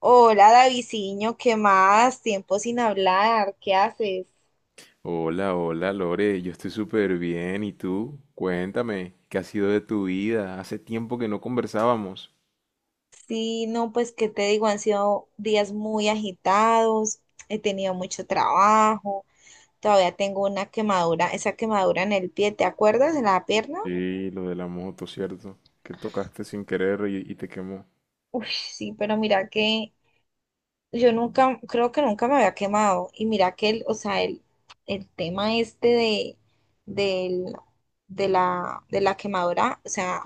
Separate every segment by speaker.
Speaker 1: Hola, Daviciño, ¿qué más? Tiempo sin hablar, ¿qué haces?
Speaker 2: Hola, hola Lore, yo estoy súper bien. ¿Y tú? Cuéntame, ¿qué ha sido de tu vida? Hace tiempo que no conversábamos.
Speaker 1: Sí, no, pues, ¿qué te digo? Han sido días muy agitados, he tenido mucho trabajo, todavía tengo una quemadura, esa quemadura en el pie, ¿te acuerdas de la pierna?
Speaker 2: Sí, lo de la moto, ¿cierto? Que tocaste sin querer y te quemó.
Speaker 1: Uy, sí, pero mira que Yo nunca, creo que nunca me había quemado. Y mira que o sea, el tema este del, de la quemadura, o sea,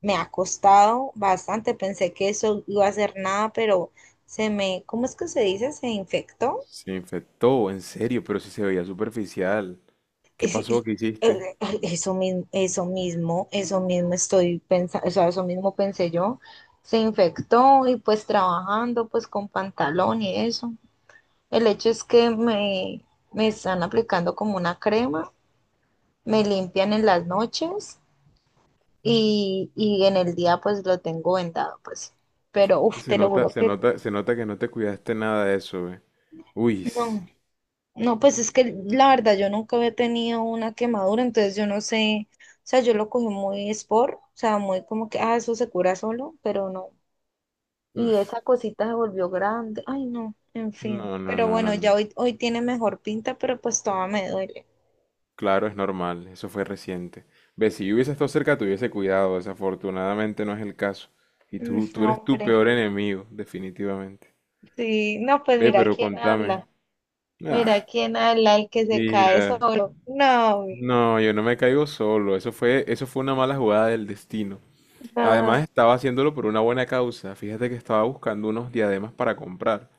Speaker 1: me ha costado bastante. Pensé que eso iba a ser nada, pero ¿cómo es que se dice? Se infectó.
Speaker 2: Se infectó, en serio, pero si se veía superficial. ¿Qué
Speaker 1: Es-
Speaker 2: pasó?
Speaker 1: es-
Speaker 2: ¿Qué hiciste?
Speaker 1: Eso mismo, eso mismo, eso mismo estoy pensando, o sea, eso mismo pensé yo. Se infectó y pues trabajando pues con pantalón y eso. El hecho es que me están aplicando como una crema, me limpian en las noches y en el día pues lo tengo vendado, pues. Pero
Speaker 2: Que
Speaker 1: uf,
Speaker 2: se
Speaker 1: te lo
Speaker 2: nota,
Speaker 1: juro
Speaker 2: se
Speaker 1: que
Speaker 2: nota, se nota que no te cuidaste nada de eso, ve. Uy.
Speaker 1: no, no, pues es que la verdad yo nunca había tenido una quemadura, entonces yo no sé, o sea, yo lo cogí muy sport, o sea, muy como que, ah, eso se cura solo, pero no.
Speaker 2: Mm,
Speaker 1: Y esa cosita se volvió grande, ay no, en fin.
Speaker 2: no, no,
Speaker 1: Pero
Speaker 2: no, no,
Speaker 1: bueno, ya
Speaker 2: no.
Speaker 1: hoy tiene mejor pinta, pero pues todavía me duele.
Speaker 2: Claro, es normal, eso fue reciente. Ve, si yo hubiese estado cerca, te hubiese cuidado, desafortunadamente no es el caso. Y
Speaker 1: Mm,
Speaker 2: tú eres tu
Speaker 1: hombre.
Speaker 2: peor enemigo, definitivamente.
Speaker 1: Sí, no, pues
Speaker 2: Ve,
Speaker 1: mira
Speaker 2: pero
Speaker 1: quién
Speaker 2: contame.
Speaker 1: habla.
Speaker 2: Ah,
Speaker 1: Mira quién habla, el que se cae
Speaker 2: mira.
Speaker 1: solo. No, mijo,
Speaker 2: No, yo no me caigo solo, eso fue una mala jugada del destino. Además,
Speaker 1: no.
Speaker 2: estaba haciéndolo por una buena causa. Fíjate que estaba buscando unos diademas para comprar.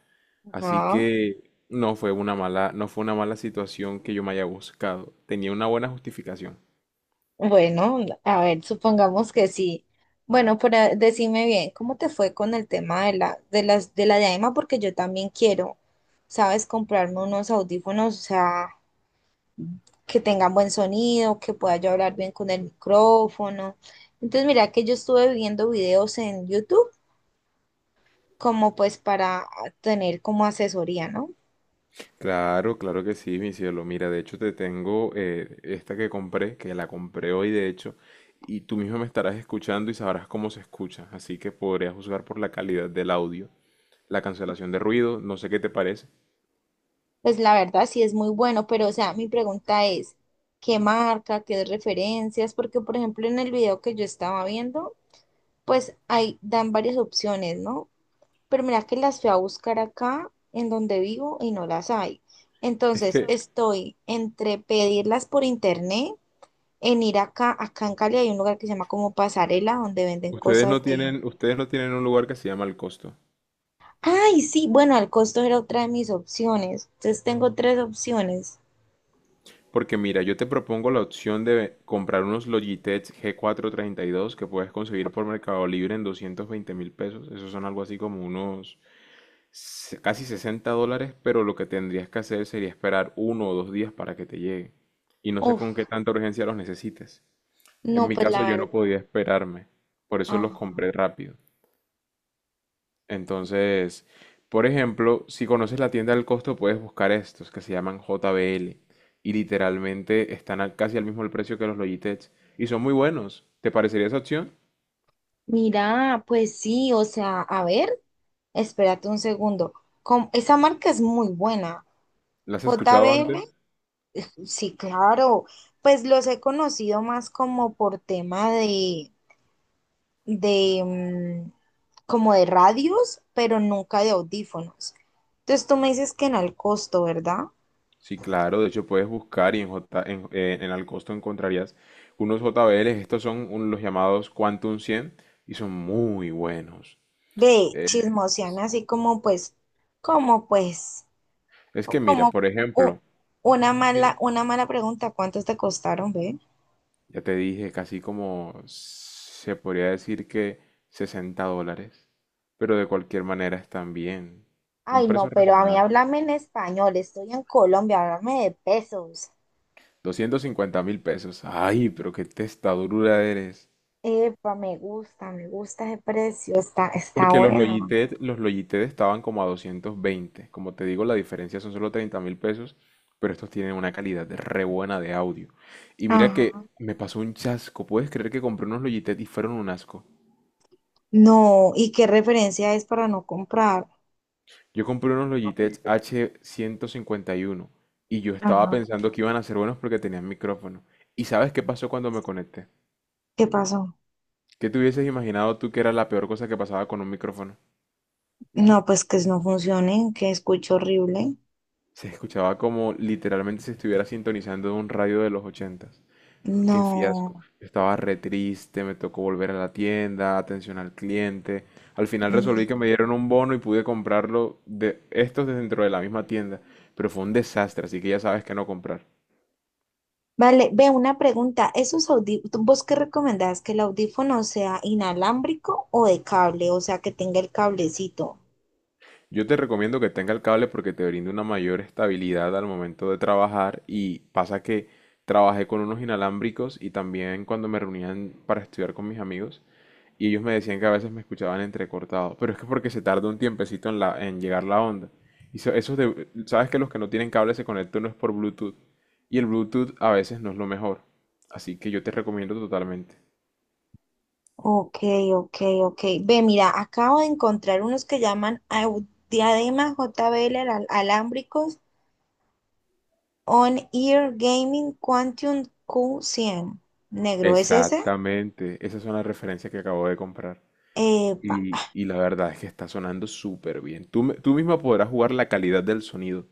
Speaker 2: Así
Speaker 1: Ajá.
Speaker 2: que no fue una mala situación que yo me haya buscado. Tenía una buena justificación.
Speaker 1: Bueno, a ver, supongamos que sí. Bueno, pero decime bien, ¿cómo te fue con el tema de la diadema? Porque yo también quiero, ¿sabes? Comprarme unos audífonos, o sea, que tengan buen sonido, que pueda yo hablar bien con el micrófono. Entonces, mira que yo estuve viendo videos en YouTube como pues para tener como asesoría, ¿no?
Speaker 2: Claro, claro que sí, mi cielo. Mira, de hecho te tengo esta que compré, que la compré hoy de hecho, y tú mismo me estarás escuchando y sabrás cómo se escucha, así que podrías juzgar por la calidad del audio, la cancelación de ruido, no sé qué te parece.
Speaker 1: Pues la verdad sí es muy bueno, pero o sea, mi pregunta es, ¿qué marca, qué referencias? Porque por ejemplo en el video que yo estaba viendo, pues ahí dan varias opciones, ¿no? Pero mira que las fui a buscar acá en donde vivo y no las hay.
Speaker 2: Es
Speaker 1: Entonces
Speaker 2: que
Speaker 1: estoy entre pedirlas por internet, en ir acá en Cali hay un lugar que se llama como Pasarela, donde venden
Speaker 2: ustedes no
Speaker 1: cosas de...
Speaker 2: tienen, ustedes no tienen un lugar que se llama el costo.
Speaker 1: Ay, sí, bueno, el costo era otra de mis opciones. Entonces tengo tres opciones.
Speaker 2: Porque mira, yo te propongo la opción de comprar unos Logitech G 432 que puedes conseguir por Mercado Libre en 220.000 pesos. Esos son algo así como unos casi 60 dólares, pero lo que tendrías que hacer sería esperar 1 o 2 días para que te llegue. Y no sé
Speaker 1: Uf.
Speaker 2: con qué tanta urgencia los necesites. En
Speaker 1: No,
Speaker 2: mi
Speaker 1: pues
Speaker 2: caso
Speaker 1: la
Speaker 2: yo
Speaker 1: verdad.
Speaker 2: no podía esperarme, por eso los
Speaker 1: Ah,
Speaker 2: compré rápido. Entonces, por ejemplo, si conoces la tienda del costo, puedes buscar estos que se llaman JBL y literalmente están casi al mismo el precio que los Logitech y son muy buenos. ¿Te parecería esa opción?
Speaker 1: mira, pues sí, o sea, a ver, espérate un segundo. Esa marca es muy buena.
Speaker 2: ¿La has
Speaker 1: J
Speaker 2: escuchado antes?
Speaker 1: JBL, sí, claro. Pues los he conocido más como por tema de, como de radios, pero nunca de audífonos. Entonces tú me dices que en el costo, ¿verdad?
Speaker 2: Sí, claro, de hecho puedes buscar y en Alcosto encontrarías unos JBLs, estos son los llamados Quantum 100 y son muy buenos.
Speaker 1: Ve,
Speaker 2: Eh,
Speaker 1: chismoseame así como pues,
Speaker 2: es que mira,
Speaker 1: como
Speaker 2: por
Speaker 1: u-
Speaker 2: ejemplo,
Speaker 1: una mala,
Speaker 2: sí,
Speaker 1: una mala pregunta, ¿cuántos te costaron, ve?
Speaker 2: ya te dije casi como se podría decir que 60 dólares, pero de cualquier manera están bien. Un
Speaker 1: Ay, no,
Speaker 2: precio
Speaker 1: pero a mí
Speaker 2: racional,
Speaker 1: háblame en español, estoy en Colombia, háblame de pesos.
Speaker 2: 250.000 pesos. Ay, pero qué testadura eres.
Speaker 1: Epa, me gusta ese precio, está
Speaker 2: Porque los
Speaker 1: bueno.
Speaker 2: Logitech, los Logitech estaban como a 220. Como te digo, la diferencia son solo 30 mil pesos, pero estos tienen una calidad de re buena de audio. Y mira
Speaker 1: Ajá.
Speaker 2: que me pasó un chasco. ¿Puedes creer que compré unos Logitech y fueron un asco?
Speaker 1: No, ¿y qué referencia es para no comprar?
Speaker 2: Yo compré unos Logitech H151 y uno y yo estaba
Speaker 1: Ajá.
Speaker 2: pensando que iban a ser buenos porque tenían micrófono. ¿Y sabes qué pasó cuando me conecté?
Speaker 1: ¿Qué pasó?
Speaker 2: ¿Qué te hubieses imaginado tú que era la peor cosa que pasaba con un micrófono?
Speaker 1: No, pues que no funcionen, que escucho horrible.
Speaker 2: Se escuchaba como literalmente se estuviera sintonizando en un radio de los 80. Qué fiasco.
Speaker 1: No.
Speaker 2: Estaba re triste, me tocó volver a la tienda, atención al cliente. Al final
Speaker 1: Mm.
Speaker 2: resolví que me dieron un bono y pude comprarlo de estos de dentro de la misma tienda, pero fue un desastre, así que ya sabes que no comprar.
Speaker 1: Vale, ve una pregunta, ¿esos audífonos, vos qué recomendás, que el audífono sea inalámbrico o de cable, o sea, que tenga el cablecito?
Speaker 2: Yo te recomiendo que tenga el cable porque te brinda una mayor estabilidad al momento de trabajar y pasa que trabajé con unos inalámbricos y también cuando me reunían para estudiar con mis amigos y ellos me decían que a veces me escuchaban entrecortado, pero es que porque se tarda un tiempecito en llegar la onda. Y sabes que los que no tienen cable se conectan no es por Bluetooth y el Bluetooth a veces no es lo mejor, así que yo te recomiendo totalmente.
Speaker 1: Ok, ok, ok. Ve, mira, acabo de encontrar unos que llaman diadema JBL alámbricos On Ear Gaming Quantum Q100. Negro, ¿es ese?
Speaker 2: Exactamente, esa es una referencia que acabo de comprar.
Speaker 1: Epa.
Speaker 2: Y la verdad es que está sonando súper bien. Tú misma podrás jugar la calidad del sonido.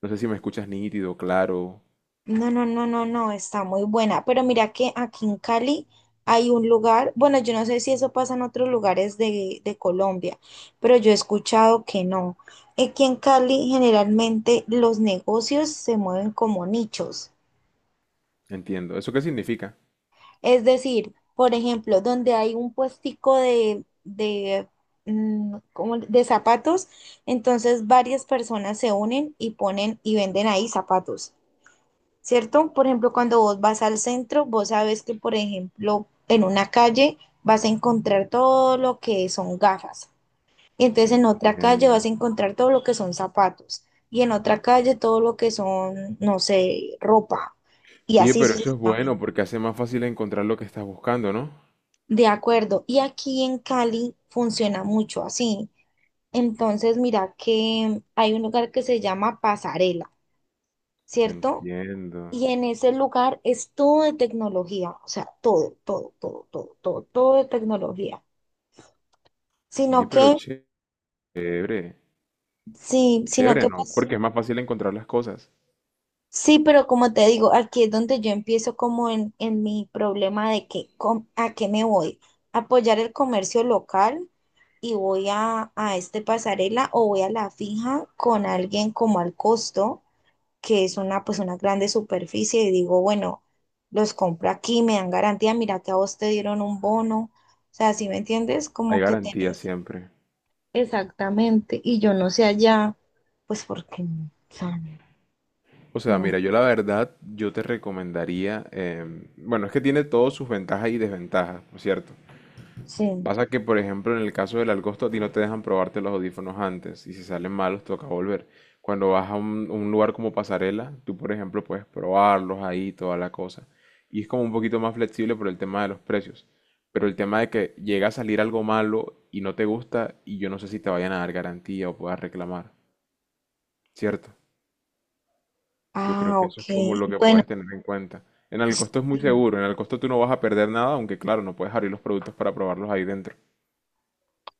Speaker 2: No sé si me escuchas nítido, claro.
Speaker 1: No, no, no, no, no, está muy buena. Pero mira que aquí en Cali hay un lugar, bueno, yo no sé si eso pasa en otros lugares de Colombia, pero yo he escuchado que no. Aquí en Cali generalmente los negocios se mueven como nichos.
Speaker 2: Entiendo. ¿Eso qué significa?
Speaker 1: Es decir, por ejemplo, donde hay un puestico de, cómo de zapatos, entonces varias personas se unen y ponen y venden ahí zapatos, ¿cierto? Por ejemplo, cuando vos vas al centro, vos sabes que, por ejemplo, en una calle vas a encontrar todo lo que son gafas. Y entonces en otra calle
Speaker 2: Entiendo.
Speaker 1: vas a encontrar todo lo que son zapatos. Y en otra calle todo lo que son, no sé, ropa. Y
Speaker 2: Oye,
Speaker 1: así
Speaker 2: pero eso es
Speaker 1: sucesivamente.
Speaker 2: bueno porque hace más fácil encontrar lo que estás buscando, ¿no?
Speaker 1: De acuerdo, y aquí en Cali funciona mucho así. Entonces, mira que hay un lugar que se llama Pasarela, ¿cierto?
Speaker 2: Entiendo.
Speaker 1: Y en ese lugar es todo de tecnología, o sea, todo, todo, todo, todo, todo, todo de tecnología. Sino
Speaker 2: Oye, pero
Speaker 1: que,
Speaker 2: chévere.
Speaker 1: sí, sino
Speaker 2: Chévere,
Speaker 1: que
Speaker 2: ¿no?
Speaker 1: pues
Speaker 2: Porque es más fácil encontrar las cosas.
Speaker 1: sí, pero como te digo, aquí es donde yo empiezo como en mi problema de que a qué me voy, apoyar el comercio local y voy a este pasarela o voy a la fija con alguien como al costo, que es una grande superficie y digo, bueno, los compro aquí, me dan garantía, mira que a vos te dieron un bono, o sea, ¿sí me entiendes?
Speaker 2: Hay
Speaker 1: Como que
Speaker 2: garantía
Speaker 1: tenés
Speaker 2: siempre.
Speaker 1: exactamente y yo no sé allá, pues porque, o sea,
Speaker 2: O sea,
Speaker 1: no
Speaker 2: mira, yo la verdad, yo te recomendaría, bueno, es que tiene todas sus ventajas y desventajas, por cierto.
Speaker 1: sé.
Speaker 2: Pasa que, por ejemplo, en el caso del Algosto, a ti no te dejan probarte los audífonos antes y si salen malos toca volver. Cuando vas a un lugar como Pasarela, tú, por ejemplo, puedes probarlos ahí, toda la cosa. Y es como un poquito más flexible por el tema de los precios. Pero el tema de que llega a salir algo malo y no te gusta y yo no sé si te vayan a dar garantía o puedas reclamar, ¿cierto? Yo
Speaker 1: Ah,
Speaker 2: creo que eso
Speaker 1: ok.
Speaker 2: es como lo que
Speaker 1: Bueno,
Speaker 2: puedes tener en cuenta. En
Speaker 1: pues,
Speaker 2: Alcosto es muy
Speaker 1: sí.
Speaker 2: seguro, en Alcosto tú no vas a perder nada, aunque claro, no puedes abrir los productos para probarlos ahí dentro.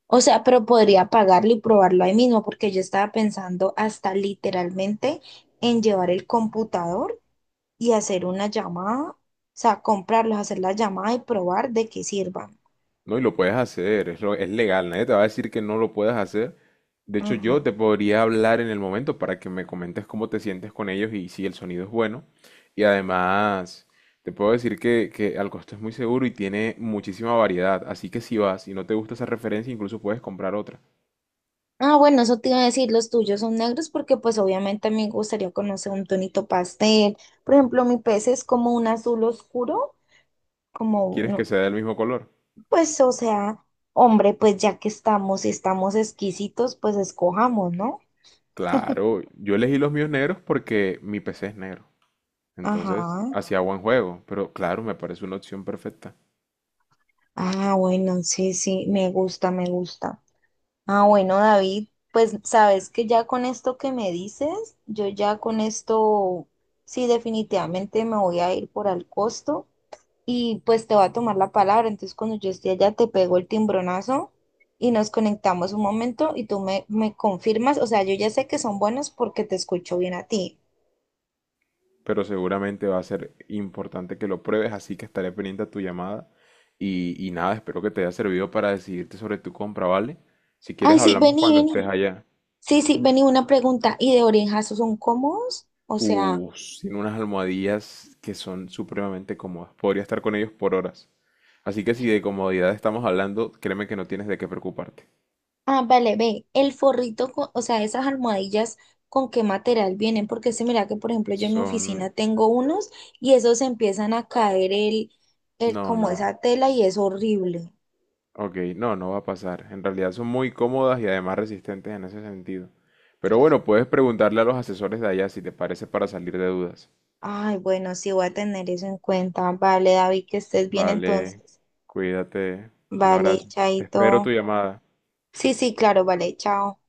Speaker 1: O sea, pero podría pagarlo y probarlo ahí mismo, porque yo estaba pensando hasta literalmente en llevar el computador y hacer una llamada, o sea, comprarlos, hacer la llamada y probar de qué sirvan.
Speaker 2: No, y lo puedes hacer, es legal, nadie te va a decir que no lo puedes hacer. De hecho,
Speaker 1: Ajá.
Speaker 2: yo te podría hablar en el momento para que me comentes cómo te sientes con ellos y si el sonido es bueno. Y además, te puedo decir que al costo es muy seguro y tiene muchísima variedad, así que si vas y no te gusta esa referencia, incluso puedes comprar otra.
Speaker 1: Ah, bueno, eso te iba a decir, los tuyos son negros porque pues obviamente a mí me gustaría conocer un tonito pastel. Por ejemplo, mi pez es como un azul oscuro, como,
Speaker 2: ¿Quieres que
Speaker 1: no,
Speaker 2: sea del mismo color?
Speaker 1: pues, o sea, hombre, pues ya que estamos, si estamos exquisitos, pues escojamos, ¿no?
Speaker 2: Claro, yo elegí los míos negros porque mi PC es negro. Entonces,
Speaker 1: Ajá.
Speaker 2: hacía buen juego, pero claro, me parece una opción perfecta.
Speaker 1: Ah, bueno, sí, sí, me gusta, me gusta. Ah, bueno, David, pues sabes que ya con esto que me dices, yo ya con esto, sí, definitivamente me voy a ir por al costo y pues te voy a tomar la palabra. Entonces, cuando yo esté allá, te pego el timbronazo y nos conectamos un momento y tú me confirmas. O sea, yo ya sé que son buenos porque te escucho bien a ti.
Speaker 2: Pero seguramente va a ser importante que lo pruebes, así que estaré pendiente a tu llamada. Y nada, espero que te haya servido para decidirte sobre tu compra, ¿vale? Si quieres
Speaker 1: Ay, sí,
Speaker 2: hablamos
Speaker 1: vení,
Speaker 2: cuando estés
Speaker 1: vení.
Speaker 2: allá.
Speaker 1: Sí, sí, vení, una pregunta. ¿Y de orejas son cómodos? O sea,
Speaker 2: Uh, tiene unas almohadillas que son supremamente cómodas. Podría estar con ellos por horas. Así que si de comodidad estamos hablando, créeme que no tienes de qué preocuparte.
Speaker 1: ah, vale, ve, el forrito, o sea, esas almohadillas, ¿con qué material vienen? Porque se mira que, por ejemplo, yo en mi oficina
Speaker 2: Son...
Speaker 1: tengo unos y esos empiezan a caer el,
Speaker 2: No,
Speaker 1: como
Speaker 2: no.
Speaker 1: esa tela y es horrible.
Speaker 2: Ok, no, no va a pasar. En realidad son muy cómodas y además resistentes en ese sentido. Pero bueno, puedes preguntarle a los asesores de allá si te parece para salir de dudas.
Speaker 1: Ay, bueno, sí voy a tener eso en cuenta. Vale, David, que estés bien
Speaker 2: Vale,
Speaker 1: entonces.
Speaker 2: cuídate. Un
Speaker 1: Vale,
Speaker 2: abrazo. Espero tu
Speaker 1: chaito.
Speaker 2: llamada.
Speaker 1: Sí, sí, claro, vale, chao.